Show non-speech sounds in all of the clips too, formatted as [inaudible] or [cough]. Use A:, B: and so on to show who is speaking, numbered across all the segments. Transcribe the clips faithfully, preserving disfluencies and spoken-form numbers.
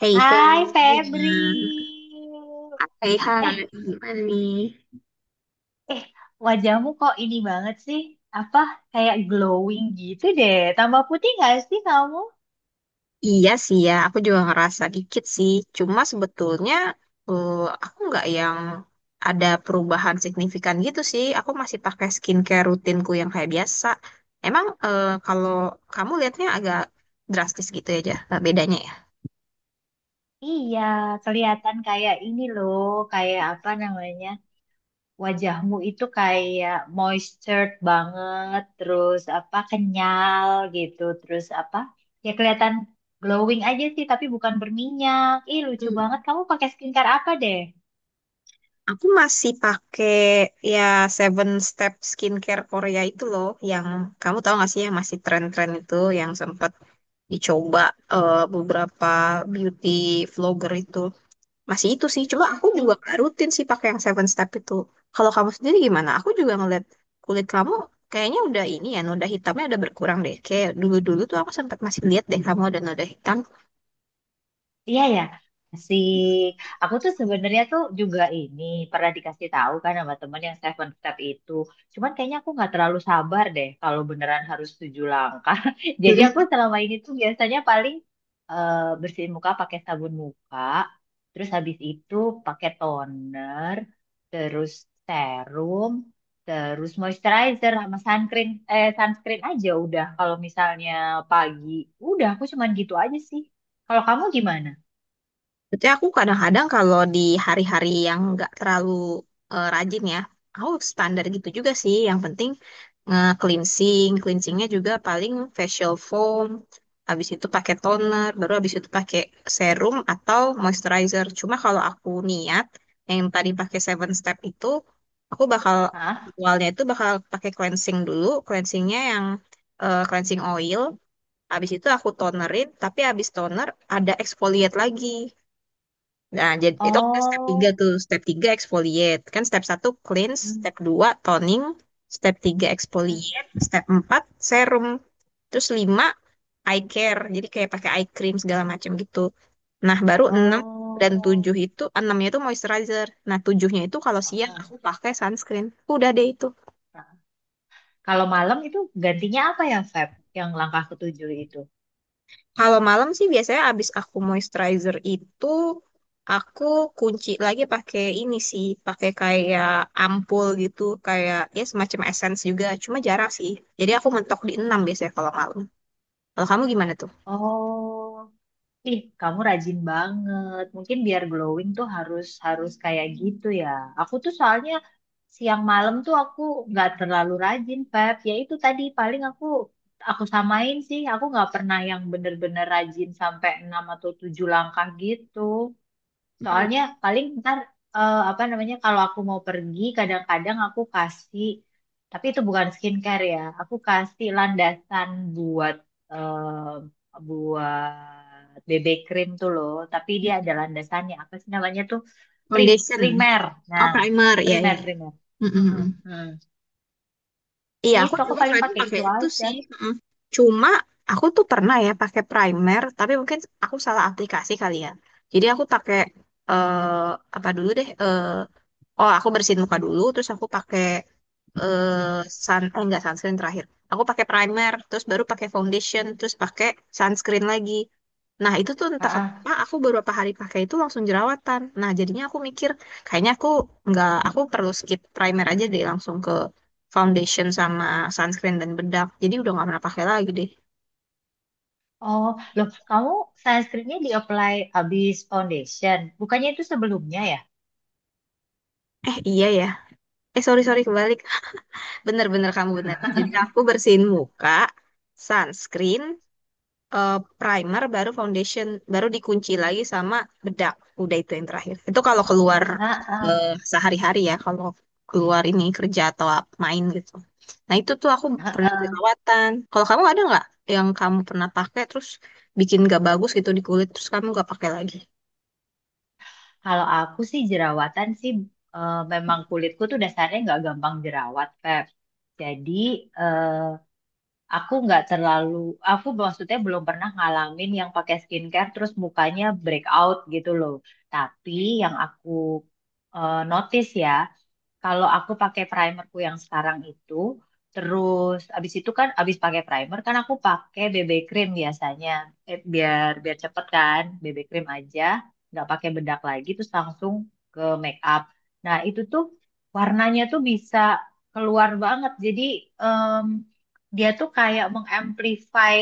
A: Hei,
B: Hai
A: hei,
B: Febri.
A: Gina. Hei,
B: Eh,
A: hai, gimana nih?
B: Wajahmu kok ini banget sih? Apa kayak glowing gitu deh. Tambah putih gak sih kamu?
A: Iya sih ya, aku juga ngerasa dikit sih. Cuma sebetulnya eh, aku nggak yang ada perubahan signifikan gitu sih. Aku masih pakai skincare rutinku yang kayak biasa. Emang eh, kalau kamu lihatnya agak drastis gitu ya, Jah, eh, bedanya ya?
B: Iya, kelihatan kayak ini loh, kayak apa namanya? Wajahmu itu kayak moistured banget, terus apa kenyal gitu, terus apa? Ya kelihatan glowing aja sih, tapi bukan berminyak. Ih, lucu
A: Hmm.
B: banget. Kamu pakai skincare apa deh?
A: Aku masih pakai ya Seven Step Skincare Korea itu loh, yang kamu tahu gak sih yang masih tren-tren itu, yang sempat dicoba eh, beberapa beauty vlogger itu. Masih itu sih, cuma aku juga nggak rutin sih pakai yang seven step itu. Kalau kamu sendiri gimana? Aku juga ngeliat kulit kamu kayaknya udah ini ya, noda hitamnya udah berkurang deh. Kayak dulu-dulu tuh aku sempat masih lihat deh kamu ada noda hitam.
B: Iya ya, masih. Aku tuh sebenarnya tuh juga ini pernah dikasih tahu kan sama temen yang Seven Step itu. Cuman kayaknya aku nggak terlalu sabar deh kalau beneran harus tujuh langkah. [laughs] Jadi aku selama ini tuh biasanya paling eh, bersihin muka pakai sabun muka, terus habis itu pakai toner, terus serum, terus moisturizer sama sunscreen, eh sunscreen aja udah. Kalau misalnya pagi, udah aku cuman gitu aja sih. Kalau kamu gimana?
A: Jadi aku kadang-kadang kalau di hari-hari yang nggak terlalu eh, rajin ya, aku standar gitu juga sih. Yang penting nge-cleansing, cleansingnya juga paling facial foam, habis itu pakai toner, baru habis itu pakai serum atau moisturizer. Cuma kalau aku niat yang tadi pakai seven step itu, aku bakal awalnya itu bakal pakai cleansing dulu, cleansingnya yang eh, cleansing oil. Habis itu aku tonerin, tapi habis toner ada exfoliate lagi. Nah, jadi itu ada step tiga tuh. Step tiga exfoliate. Kan step satu cleanse,
B: 啊，哦，嗯，嗯，哦,
A: step dua toning, step tiga exfoliate, step empat serum. Terus lima eye care. Jadi kayak pakai eye cream segala macam gitu. Nah, baru enam dan tujuh itu, enamnya nya itu moisturizer. Nah, tujuhnya itu kalau siang
B: ah,
A: aku pakai sunscreen. Udah deh itu.
B: ah. Kalau malam itu gantinya apa ya, Feb? Yang langkah ketujuh itu?
A: Kalau malam sih biasanya abis aku moisturizer itu aku kunci lagi pakai ini sih, pakai kayak ampul gitu, kayak ya semacam essence juga, cuma jarang sih. Jadi aku mentok di enam biasanya kalau malam. Kalau kamu gimana tuh?
B: Oh, ih, kamu rajin banget. Mungkin biar glowing tuh harus harus kayak gitu ya. Aku tuh soalnya siang malam tuh aku nggak terlalu rajin, Feb. Ya itu tadi paling aku aku samain sih. Aku nggak pernah yang bener-bener rajin sampai enam atau tujuh langkah gitu.
A: Hmm,
B: Soalnya paling ntar eh, apa namanya kalau aku mau pergi kadang-kadang aku kasih tapi itu bukan skincare ya. Aku kasih landasan buat eh, buat B B cream tuh loh, tapi dia ada
A: mm.
B: landasannya. Apa sih namanya tuh? Prim
A: Foundation.
B: primer.
A: Oh,
B: Nah,
A: primer. Ya,
B: primer
A: ya.
B: primer.
A: Mm, mm,
B: Mm-mm,
A: mm.
B: mm.
A: Iya, aku
B: Itu aku
A: juga
B: paling
A: kadang
B: pakai
A: pakai
B: itu
A: itu
B: aja.
A: sih. Mm. Cuma aku tuh pernah ya pakai primer, tapi mungkin aku salah aplikasi kali ya. Jadi aku pakai eh apa dulu deh? eh, Oh, aku bersihin muka dulu, terus aku pakai eh sun, eh enggak sunscreen terakhir. Aku pakai primer, terus baru pakai foundation, terus pakai sunscreen lagi. Nah, itu tuh entah
B: Ah,
A: kenapa
B: ah.
A: aku beberapa hari pakai itu langsung jerawatan. Nah, jadinya aku mikir, kayaknya aku nggak, aku perlu skip primer aja deh langsung ke foundation sama sunscreen dan bedak. Jadi udah nggak pernah pakai lagi deh.
B: Oh, loh, kamu sunscreennya di apply habis foundation. Bukannya itu sebelumnya ya?
A: Eh, iya ya. Eh, sorry, sorry, kebalik. Bener-bener kamu bener. Jadi aku bersihin muka, sunscreen, eh, primer, baru foundation, baru dikunci lagi sama bedak. Udah itu yang terakhir. Itu kalau keluar eh,
B: Heeh,
A: sehari-hari ya, kalau keluar ini kerja atau ap- main gitu. Nah itu tuh aku pernah
B: heeh.
A: jerawatan. Kalau kamu ada nggak yang kamu pernah pakai terus bikin gak bagus gitu di kulit terus kamu gak pakai lagi?
B: Kalau aku sih jerawatan sih eh, memang kulitku tuh dasarnya nggak gampang jerawat, Pep. Jadi eh, aku nggak terlalu, aku maksudnya belum pernah ngalamin yang pakai skincare terus mukanya breakout gitu loh. Tapi yang aku eh, notice ya, kalau aku pakai primerku yang sekarang itu, terus abis itu kan abis pakai primer kan aku pakai B B cream biasanya, eh, biar biar cepet kan, B B cream aja, nggak pakai bedak lagi, terus langsung ke make up. Nah itu tuh warnanya tuh bisa keluar banget, jadi em, dia tuh kayak mengamplify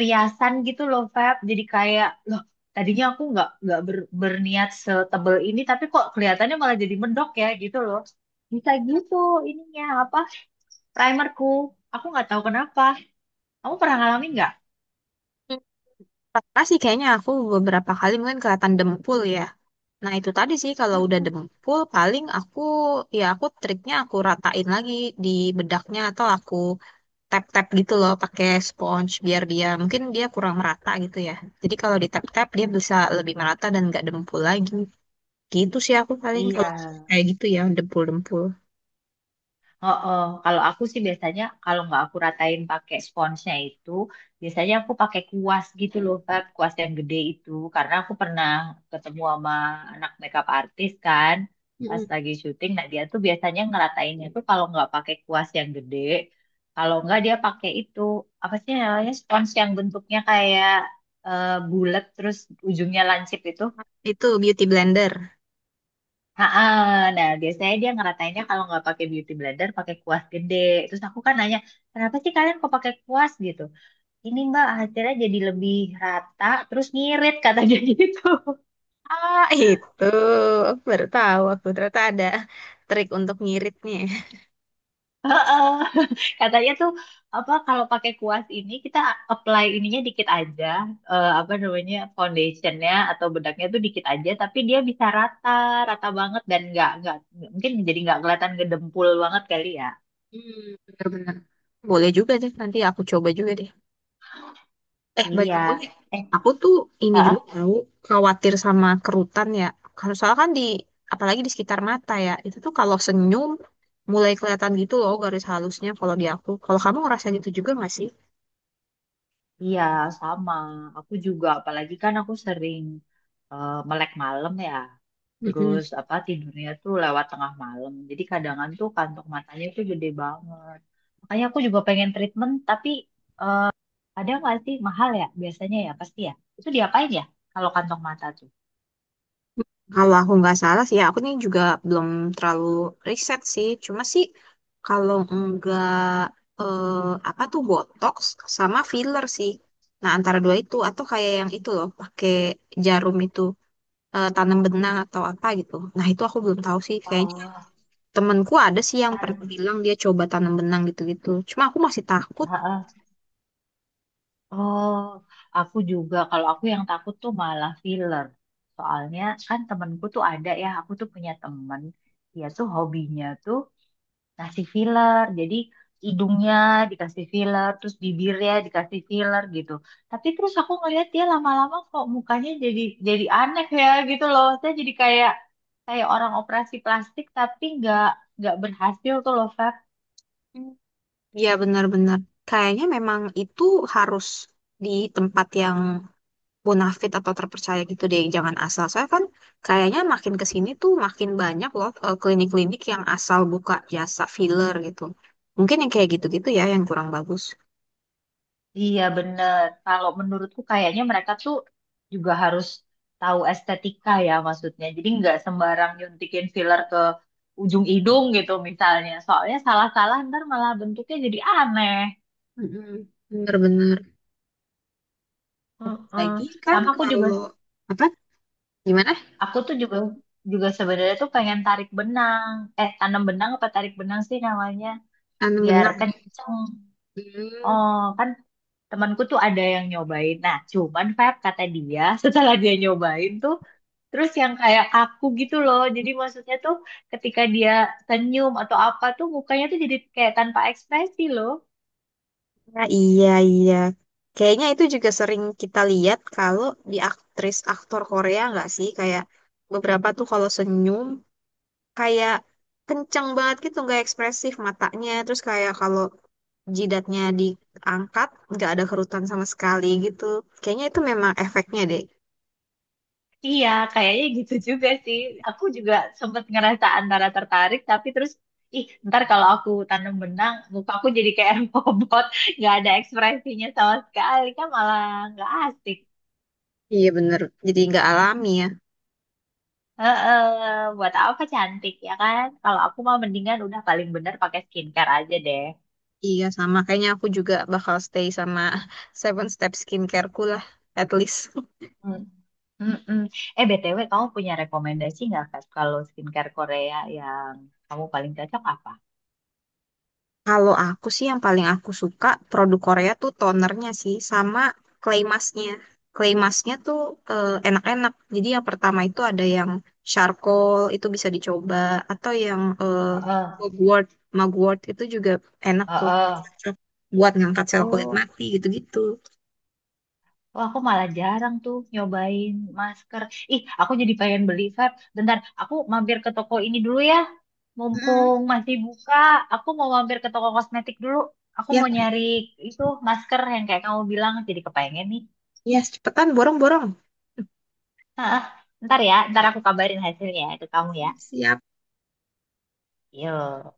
B: riasan gitu loh, Feb. Jadi kayak loh tadinya aku nggak nggak ber- berniat setebel ini tapi kok kelihatannya malah jadi mendok ya gitu loh bisa gitu ininya apa primerku. Aku nggak tahu kenapa. Kamu pernah ngalamin nggak?
A: Hmm, pernah sih kayaknya aku beberapa kali mungkin kelihatan dempul ya. Nah itu tadi sih kalau udah
B: Mm-mm.
A: dempul paling aku ya aku triknya aku ratain lagi di bedaknya atau aku tap-tap gitu loh pakai sponge biar dia mungkin dia kurang merata gitu ya. Jadi kalau di tap-tap dia bisa lebih merata dan nggak dempul lagi. Gitu sih aku paling kalau
B: Iya,
A: kayak gitu ya dempul-dempul.
B: heeh, kalau aku sih biasanya kalau nggak aku ratain pakai sponsnya itu, biasanya aku pakai kuas gitu loh, Feb, kuas yang gede itu. Karena aku pernah ketemu sama anak makeup artis kan, pas
A: Mm-mm.
B: lagi syuting. Nah dia tuh biasanya ngeratainnya tuh kalau nggak pakai kuas yang gede, kalau nggak dia pakai itu apa sih namanya spons yang bentuknya kayak eh bulat terus ujungnya lancip itu.
A: Itu beauty blender.
B: Ah, ah. Nah biasanya dia ngeratainnya kalau nggak pakai beauty blender pakai kuas gede. Terus aku kan nanya, kenapa sih kalian kok pakai kuas gitu? Ini Mbak hasilnya jadi lebih rata, terus ngirit katanya [laughs] gitu.
A: Ah itu aku baru tahu aku ternyata ada trik untuk ngiritnya.
B: Heeh. Katanya tuh apa kalau pakai kuas ini kita apply ininya dikit aja, eh, apa namanya foundationnya atau bedaknya tuh dikit aja, tapi dia bisa rata, rata banget dan nggak nggak mungkin jadi nggak kelihatan gedempul banget kali ya.
A: Hmm, bener-bener. Boleh juga deh nanti aku coba juga deh. Eh, by
B: Iya.
A: the way,
B: Eh,
A: aku tuh ini
B: heeh.
A: juga tahu khawatir sama kerutan ya. Kalau soalnya kan di, apalagi di sekitar mata ya, itu tuh kalau senyum mulai kelihatan gitu loh garis halusnya kalau di aku. Kalau kamu ngerasa gitu juga nggak sih?
B: Iya, sama. Aku juga, apalagi kan aku sering eh, melek malam ya.
A: Mm-mm.
B: Terus apa tidurnya tuh lewat tengah malam. Jadi kadang tuh kantong matanya tuh gede banget. Makanya aku juga pengen treatment, tapi ada nggak sih mahal ya? Biasanya ya, pasti ya. Itu diapain ya kalau kantong mata tuh?
A: Kalau aku nggak salah sih, ya aku nih juga belum terlalu riset sih. Cuma sih kalau nggak eh, apa tuh botox sama filler sih. Nah antara dua itu atau kayak yang itu loh pakai jarum itu. Eh, tanam benang atau apa gitu. Nah, itu aku belum tahu sih. Kayaknya
B: Oh,
A: temenku ada sih yang pernah
B: ntar.
A: bilang dia coba tanam benang gitu-gitu. Cuma aku masih takut.
B: Heeh. Oh, aku juga. Kalau aku yang takut tuh malah filler. Soalnya kan temenku tuh ada ya. Aku tuh punya temen. Dia tuh hobinya tuh kasih filler. Jadi hidungnya dikasih filler, terus bibirnya dikasih filler gitu. Tapi terus aku ngeliat dia lama-lama kok mukanya jadi jadi aneh ya gitu loh. Saya jadi kayak kayak orang operasi plastik tapi nggak nggak berhasil tuh loh, Feb.
A: Hmm. Ya, benar-benar. Kayaknya memang itu harus di tempat yang bonafit atau terpercaya gitu deh. Jangan asal. Soalnya kan kayaknya makin ke sini tuh makin banyak loh eh, klinik-klinik yang asal buka jasa filler gitu. Mungkin yang kayak gitu-gitu ya yang kurang bagus.
B: Iya bener. Kalau menurutku kayaknya mereka tuh juga harus tahu estetika ya maksudnya. Jadi nggak sembarang nyuntikin filler ke ujung hidung gitu misalnya. Soalnya salah-salah ntar malah bentuknya jadi aneh.
A: Mm-mm. Bener-bener.
B: Heeh.
A: Lagi kan
B: Sama aku juga,
A: kalau apa gimana?
B: aku tuh juga juga sebenarnya tuh pengen tarik benang. Eh, tanam benang apa tarik benang sih namanya?
A: Tanam
B: Biar
A: benang.
B: kenceng.
A: Hmm,
B: Oh, kan temanku tuh ada yang nyobain. Nah, cuman Feb kata dia [laughs] setelah dia nyobain tuh, terus yang kayak kaku gitu loh. Jadi maksudnya tuh ketika dia senyum atau apa tuh mukanya tuh jadi kayak tanpa ekspresi loh.
A: nah, iya, iya. Kayaknya itu juga sering kita lihat kalau di aktris-aktor Korea nggak sih? Kayak beberapa tuh kalau senyum kayak kenceng banget gitu, nggak ekspresif matanya. Terus kayak kalau jidatnya diangkat nggak ada kerutan sama sekali gitu. Kayaknya itu memang efeknya deh.
B: Iya, kayaknya gitu juga sih. Aku juga sempet ngerasa antara tertarik, tapi terus, ih, ntar kalau aku tanam benang, muka aku jadi kayak [laughs] robot, nggak ada ekspresinya sama sekali, kan malah nggak asik.
A: Iya bener, jadi nggak alami ya.
B: Heeh, buat apa cantik ya kan? Kalau aku mah mendingan udah paling bener pakai skincare aja deh.
A: Iya sama, kayaknya aku juga bakal stay sama [laughs] Seven Step Skincare-ku lah, at least.
B: Hmm. Mm-mm. Eh, B T W, kamu punya rekomendasi nggak, Kat, kalau skincare Korea yang kamu paling cocok apa?
A: Kalau aku sih yang paling aku suka produk Korea tuh tonernya sih sama clay masknya. Clay masknya tuh eh, enak-enak. Jadi yang pertama itu ada yang charcoal itu bisa dicoba atau yang eh,
B: Heeh,
A: mugwort. Mugwort itu juga enak tuh.
B: heeh.
A: Cocok buat ngangkat sel kulit
B: Oh.
A: mati gitu-gitu.
B: Oh, aku malah jarang tuh nyobain masker. Ih, aku jadi pengen beli, Feb. Bentar, aku mampir ke toko ini dulu ya.
A: Hmm,
B: Mumpung masih buka, aku mau mampir ke toko kosmetik dulu. Aku
A: ya,
B: mau nyari itu masker yang kayak kamu bilang, jadi kepengen nih.
A: ya cepetan borong-borong.
B: Ah, ntar ya, ntar aku kabarin hasilnya ke kamu ya.
A: Siap-siap.
B: Yuk.